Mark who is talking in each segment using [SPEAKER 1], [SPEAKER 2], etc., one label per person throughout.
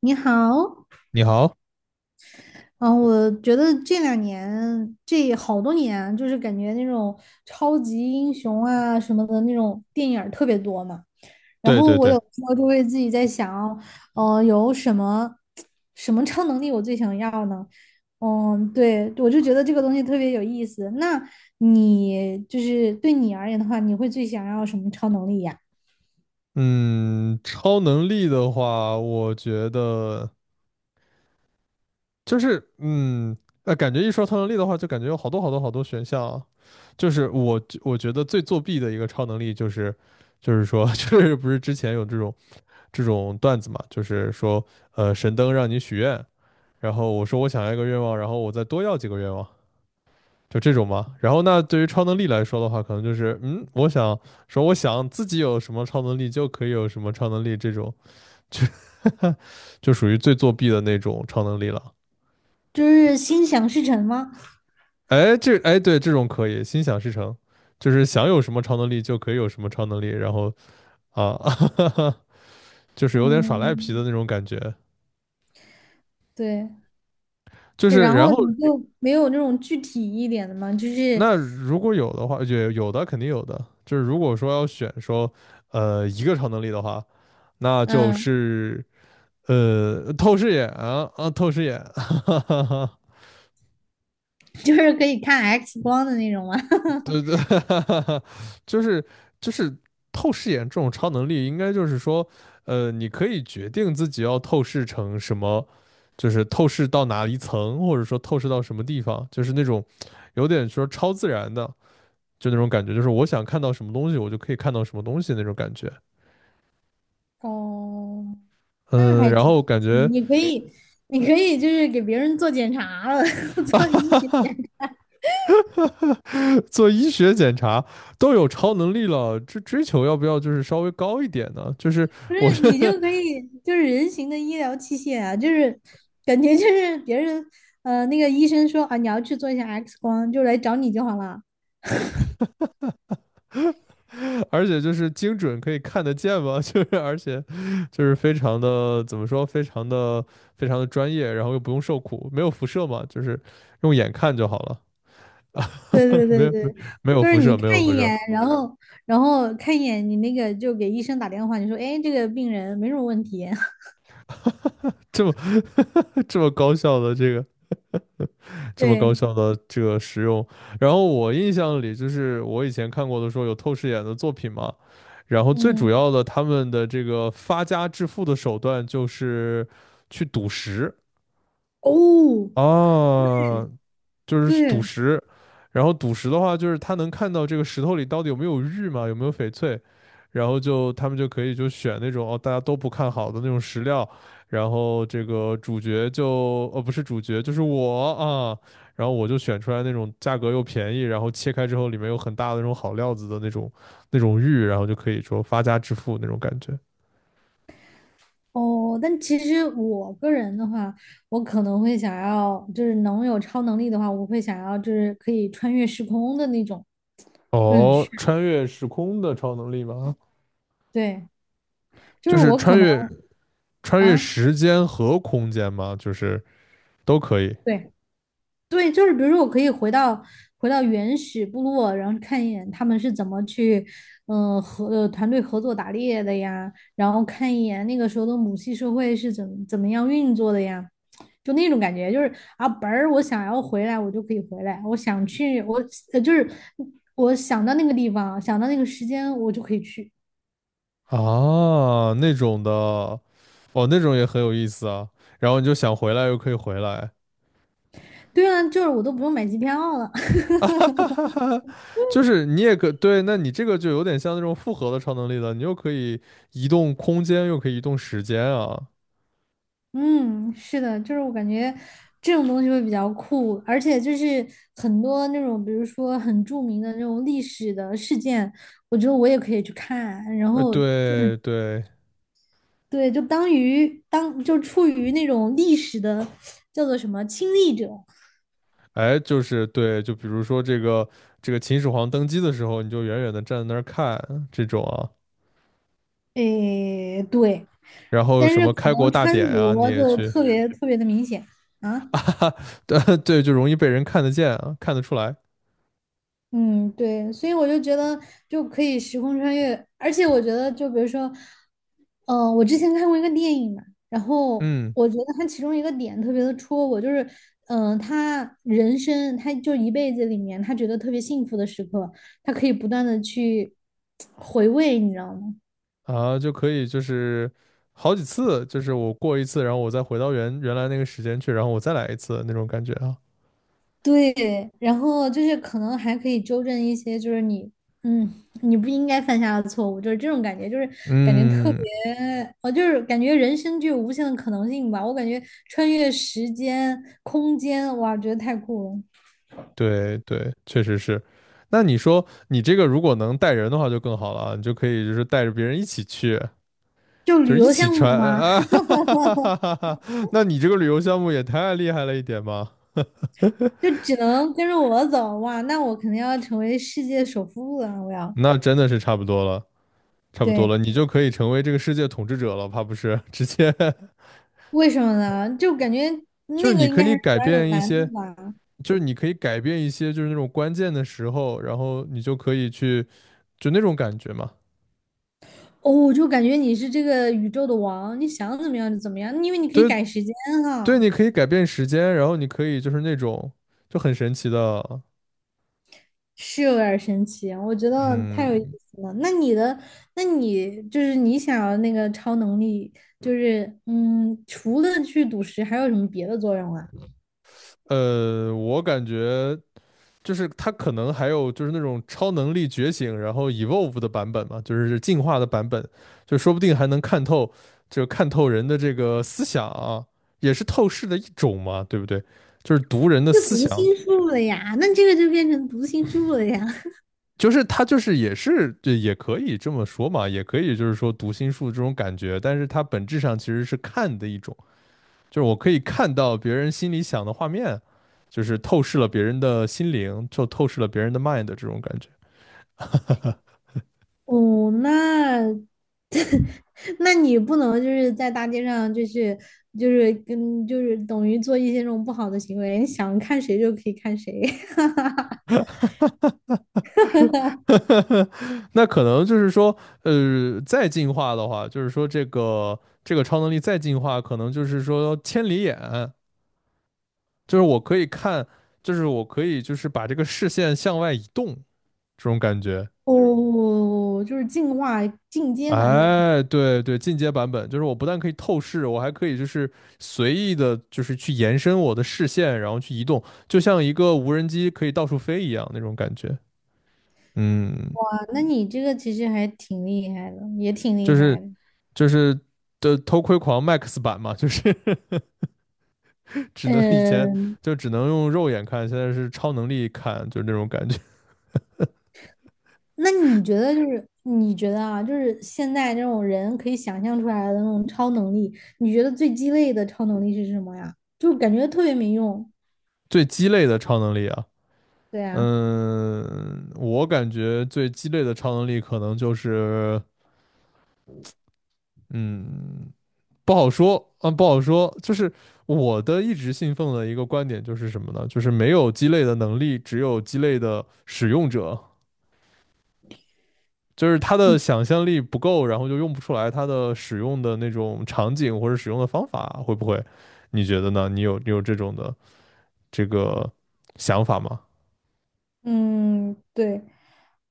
[SPEAKER 1] 你好，
[SPEAKER 2] 你好。
[SPEAKER 1] 嗯，我觉得这两年这好多年啊，就是感觉那种超级英雄啊什么的那种电影儿特别多嘛。然
[SPEAKER 2] 对
[SPEAKER 1] 后
[SPEAKER 2] 对
[SPEAKER 1] 我有
[SPEAKER 2] 对。
[SPEAKER 1] 时候就会自己在想，有什么超能力我最想要呢？嗯，对，我就觉得这个东西特别有意思。那你就是对你而言的话，你会最想要什么超能力呀？
[SPEAKER 2] 嗯，超能力的话，我觉得就是，感觉一说超能力的话，就感觉有好多好多好多选项啊。就是我觉得最作弊的一个超能力就是，就是说，就是不是之前有这种段子嘛，就是说，神灯让你许愿，然后我说我想要一个愿望，然后我再多要几个愿望，就这种嘛。然后那对于超能力来说的话，可能就是，我想说我想自己有什么超能力就可以有什么超能力这种。就 就属于最作弊的那种超能力了。
[SPEAKER 1] 就是心想事成吗？
[SPEAKER 2] 哎，这哎对，这种可以心想事成，就是想有什么超能力就可以有什么超能力，然后啊，就是有点耍赖皮的
[SPEAKER 1] 嗯，
[SPEAKER 2] 那种感觉。
[SPEAKER 1] 对。
[SPEAKER 2] 就
[SPEAKER 1] 对，
[SPEAKER 2] 是
[SPEAKER 1] 然
[SPEAKER 2] 然
[SPEAKER 1] 后
[SPEAKER 2] 后
[SPEAKER 1] 你就没有那种具体一点的吗？就是，
[SPEAKER 2] 那如果有的话，也有的肯定有的。就是如果说要选说一个超能力的话，那就
[SPEAKER 1] 嗯，
[SPEAKER 2] 是透视眼，
[SPEAKER 1] 就是可以看 X 光的那种吗？
[SPEAKER 2] 对对，就是就是透视眼这种超能力，应该就是说，你可以决定自己要透视成什么，就是透视到哪一层，或者说透视到什么地方，就是那种有点说超自然的，就那种感觉，就是我想看到什么东西，我就可以看到什么东西那种感觉。
[SPEAKER 1] 哦，那
[SPEAKER 2] 嗯，
[SPEAKER 1] 还
[SPEAKER 2] 然
[SPEAKER 1] 挺
[SPEAKER 2] 后
[SPEAKER 1] 神
[SPEAKER 2] 感
[SPEAKER 1] 奇
[SPEAKER 2] 觉
[SPEAKER 1] 你可以，你可以就是给别人做检查了，做医学检，
[SPEAKER 2] 做医学检查都有超能力了，这追求要不要就是稍微高一点呢？就是
[SPEAKER 1] 不
[SPEAKER 2] 我
[SPEAKER 1] 是
[SPEAKER 2] 觉
[SPEAKER 1] 你
[SPEAKER 2] 得。
[SPEAKER 1] 就可以就是人形的医疗器械啊，就是感觉就是别人那个医生说啊你要去做一下 X 光，就来找你就好了。
[SPEAKER 2] 而且就是精准可以看得见嘛，就是而且就是非常的怎么说，非常的非常的专业，然后又不用受苦，没有辐射嘛，就是用眼看就好了。
[SPEAKER 1] 对对
[SPEAKER 2] 没
[SPEAKER 1] 对
[SPEAKER 2] 有
[SPEAKER 1] 对，
[SPEAKER 2] 没没有
[SPEAKER 1] 就是
[SPEAKER 2] 辐
[SPEAKER 1] 你
[SPEAKER 2] 射，没有
[SPEAKER 1] 看
[SPEAKER 2] 辐
[SPEAKER 1] 一
[SPEAKER 2] 射。
[SPEAKER 1] 眼，然后看一眼，你那个就给医生打电话，你说，哎，这个病人没什么问题。
[SPEAKER 2] 这么这么高效的这个这么高
[SPEAKER 1] 对，
[SPEAKER 2] 效的这个使用。然后我印象里就是我以前看过的说有透视眼的作品嘛，然后最主
[SPEAKER 1] 嗯，
[SPEAKER 2] 要的他们的这个发家致富的手段就是去赌石。
[SPEAKER 1] 哦，
[SPEAKER 2] 啊。就是赌
[SPEAKER 1] 对，
[SPEAKER 2] 石，然后赌石的话，就是他能看到这个石头里到底有没有玉嘛，有没有翡翠，然后就他们就可以就选那种哦大家都不看好的那种石料，然后这个主角就不是主角就是我啊，然后我就选出来那种价格又便宜，然后切开之后里面有很大的那种好料子的那种玉，然后就可以说发家致富那种感觉。
[SPEAKER 1] 哦，但其实我个人的话，我可能会想要，就是能有超能力的话，我会想要就是可以穿越时空的那种，就很
[SPEAKER 2] 哦，
[SPEAKER 1] 炫。
[SPEAKER 2] 穿越时空的超能力吗？
[SPEAKER 1] 对，就
[SPEAKER 2] 就
[SPEAKER 1] 是
[SPEAKER 2] 是
[SPEAKER 1] 我可
[SPEAKER 2] 穿
[SPEAKER 1] 能
[SPEAKER 2] 越穿越
[SPEAKER 1] 啊，
[SPEAKER 2] 时间和空间吗？就是。都可以
[SPEAKER 1] 对。对，就是比如说，我可以回到原始部落，然后看一眼他们是怎么去，嗯、团队合作打猎的呀，然后看一眼那个时候的母系社会是怎么样运作的呀，就那种感觉，就是啊，本儿我想要回来，我就可以回来，我想去，我呃就是我想到那个地方，想到那个时间，我就可以去。
[SPEAKER 2] 啊，那种的，哦，那种也很有意思啊。然后你就想回来又可以回来，
[SPEAKER 1] 对啊，就是我都不用买机票了，
[SPEAKER 2] 哈哈哈，就是你也可对，那你这个就有点像那种复合的超能力了，你又可以移动空间，又可以移动时间啊。
[SPEAKER 1] 嗯，是的，就是我感觉这种东西会比较酷，而且就是很多那种，比如说很著名的那种历史的事件，我觉得我也可以去看，然后
[SPEAKER 2] 对对，
[SPEAKER 1] 对，就处于那种历史的叫做什么亲历者，
[SPEAKER 2] 哎，就是对，就比如说这个秦始皇登基的时候，你就远远的站在那儿看这种啊，
[SPEAKER 1] 诶，对，
[SPEAKER 2] 然后
[SPEAKER 1] 但
[SPEAKER 2] 什
[SPEAKER 1] 是
[SPEAKER 2] 么
[SPEAKER 1] 可
[SPEAKER 2] 开国
[SPEAKER 1] 能
[SPEAKER 2] 大
[SPEAKER 1] 穿
[SPEAKER 2] 典呀，你
[SPEAKER 1] 着
[SPEAKER 2] 也
[SPEAKER 1] 就
[SPEAKER 2] 去
[SPEAKER 1] 特别特别的明显 啊。
[SPEAKER 2] 啊，对对，就容易被人看得见啊，看得出来，
[SPEAKER 1] 嗯，对，所以我就觉得就可以时空穿越，而且我觉得就比如说，嗯、我之前看过一个电影嘛，然后
[SPEAKER 2] 嗯。
[SPEAKER 1] 我觉得它其中一个点特别的戳我，就是嗯、他人生他就一辈子里面，他觉得特别幸福的时刻，他可以不断的去回味，你知道吗？
[SPEAKER 2] 啊，就可以就是好几次，就是我过一次，然后我再回到原来那个时间去，然后我再来一次那种感觉啊。
[SPEAKER 1] 对，然后就是可能还可以纠正一些，就是你，嗯，你不应该犯下的错误，就是这种感觉，就是感觉特别，
[SPEAKER 2] 嗯，
[SPEAKER 1] 我就是感觉人生具有无限的可能性吧。我感觉穿越时间、空间，哇，觉得太酷了。
[SPEAKER 2] 对对，确实是。那你说你这个如果能带人的话就更好了啊，你就可以就是带着别人一起去，
[SPEAKER 1] 就
[SPEAKER 2] 就
[SPEAKER 1] 旅
[SPEAKER 2] 是一
[SPEAKER 1] 游
[SPEAKER 2] 起
[SPEAKER 1] 项
[SPEAKER 2] 穿
[SPEAKER 1] 目嘛，
[SPEAKER 2] 啊，哈哈哈哈哈哈。那你这个旅游项目也太厉害了一点吧？
[SPEAKER 1] 就只能跟着我走，哇，那我肯定要成为世界首富了，我要。
[SPEAKER 2] 那真的是差不多了，差不多
[SPEAKER 1] 对，
[SPEAKER 2] 了，你就可以成为这个世界统治者了，怕不是？直接
[SPEAKER 1] 为什么呢？就感觉
[SPEAKER 2] 就是
[SPEAKER 1] 那个
[SPEAKER 2] 你
[SPEAKER 1] 应
[SPEAKER 2] 可
[SPEAKER 1] 该还
[SPEAKER 2] 以
[SPEAKER 1] 是
[SPEAKER 2] 改
[SPEAKER 1] 比较有
[SPEAKER 2] 变一
[SPEAKER 1] 难度
[SPEAKER 2] 些。
[SPEAKER 1] 吧。
[SPEAKER 2] 就是你可以改变一些，就是那种关键的时候，然后你就可以去，就那种感觉嘛。
[SPEAKER 1] 哦，我就感觉你是这个宇宙的王，你想怎么样就怎么样，因为你可以
[SPEAKER 2] 对
[SPEAKER 1] 改时间
[SPEAKER 2] 对，
[SPEAKER 1] 哈，
[SPEAKER 2] 你可以改变时间，然后你可以就是那种就很神奇的。
[SPEAKER 1] 是有点儿神奇，我觉得太有意
[SPEAKER 2] 嗯
[SPEAKER 1] 思了。那你的，那你就是你想要那个超能力，就是嗯，除了去赌石，还有什么别的作用啊？
[SPEAKER 2] 我感觉就是它可能还有就是那种超能力觉醒，然后 evolve 的版本嘛，就是进化的版本，就说不定还能看透，就看透人的这个思想啊，也是透视的一种嘛，对不对？就是读人的
[SPEAKER 1] 就
[SPEAKER 2] 思
[SPEAKER 1] 读
[SPEAKER 2] 想。
[SPEAKER 1] 心术了呀，那这个就变成读心术了呀。
[SPEAKER 2] 就是他就是也是对，也可以这么说嘛，也可以就是说读心术这种感觉，但是它本质上其实是看的一种，就是我可以看到别人心里想的画面，就是透视了别人的心灵，就透视了别人的 mind 这种感觉。
[SPEAKER 1] 哦，那那你不能就是在大街上就是就是跟就是等于做一些这种不好的行为，想看谁就可以看谁。
[SPEAKER 2] 那可能就是说，再进化的话，就是说这个超能力再进化，可能就是说千里眼，就是我可以看，就是我可以就是把这个视线向外移动这种感觉。
[SPEAKER 1] 哦，就是进阶版本。
[SPEAKER 2] 哎，对对，进阶版本就是我不但可以透视，我还可以就是随意的，就是去延伸我的视线，然后去移动，就像一个无人机可以到处飞一样那种感觉。嗯，
[SPEAKER 1] 哇，那你这个其实还挺厉害的，也挺
[SPEAKER 2] 就
[SPEAKER 1] 厉
[SPEAKER 2] 是
[SPEAKER 1] 害的。
[SPEAKER 2] 就是的偷窥狂 Max 版嘛，就是 只能以前
[SPEAKER 1] 嗯，
[SPEAKER 2] 就只能用肉眼看，现在是超能力看，就是那种感觉。
[SPEAKER 1] 那你觉得就是你觉得啊，就是现在这种人可以想象出来的那种超能力，你觉得最鸡肋的超能力是什么呀？就感觉特别没用。
[SPEAKER 2] 最鸡肋的超能力啊，
[SPEAKER 1] 对啊，
[SPEAKER 2] 嗯，我感觉最鸡肋的超能力可能就是。嗯，不好说，嗯，不好说。就是我的一直信奉的一个观点就是什么呢？就是没有鸡肋的能力，只有鸡肋的使用者。就是他的想象力不够，然后就用不出来他的使用的那种场景或者使用的方法，会不会？你觉得呢？你有这种的这个想法吗？
[SPEAKER 1] 嗯，对。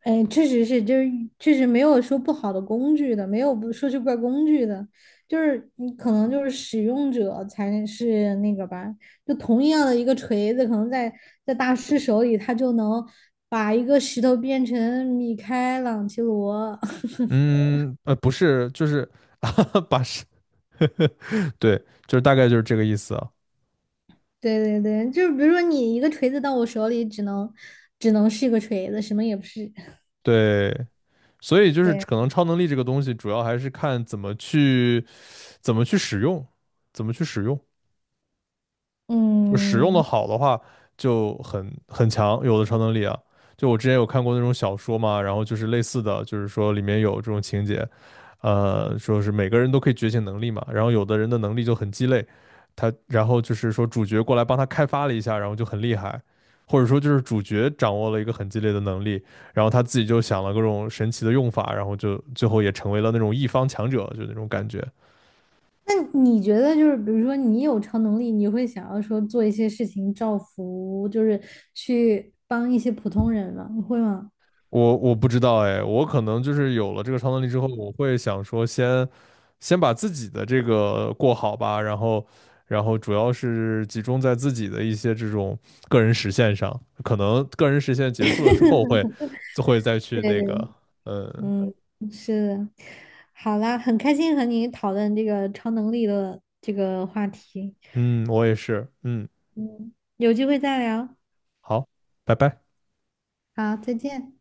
[SPEAKER 1] 哎，确实是，就是确实没有说不好的工具的，没有不说是怪工具的，就是你可能就是使用者才是那个吧。就同样的一个锤子，可能在大师手里，他就能把一个石头变成米开朗基罗。
[SPEAKER 2] 嗯，不是，就是 把是，对，就是大概就是这个意思啊。
[SPEAKER 1] 对对对，就是比如说你一个锤子到我手里，只能是一个锤子，什么也不是。
[SPEAKER 2] 对，所以 就是
[SPEAKER 1] 对，
[SPEAKER 2] 可能超能力这个东西，主要还是看怎么去使用，怎么去使用，就使用的
[SPEAKER 1] 嗯。
[SPEAKER 2] 好的话就很强，有的超能力啊。就我之前有看过那种小说嘛，然后就是类似的，就是说里面有这种情节，说是每个人都可以觉醒能力嘛，然后有的人的能力就很鸡肋，他然后就是说主角过来帮他开发了一下，然后就很厉害，或者说就是主角掌握了一个很鸡肋的能力，然后他自己就想了各种神奇的用法，然后就最后也成为了那种一方强者，就那种感觉。
[SPEAKER 1] 那你觉得就是，比如说你有超能力，你会想要说做一些事情造福，就是去帮一些普通人吗？你会吗？
[SPEAKER 2] 我不知道哎，我可能就是有了这个超能力之后，我会想说先把自己的这个过好吧，然后主要是集中在自己的一些这种个人实现上，可能个人实现结束了之后会就会再去那个，嗯
[SPEAKER 1] 嗯，是的。好啦，很开心和你讨论这个超能力的这个话题。
[SPEAKER 2] 嗯，我也是，嗯，
[SPEAKER 1] 嗯，有机会再聊。
[SPEAKER 2] 好，拜拜。
[SPEAKER 1] 好，再见。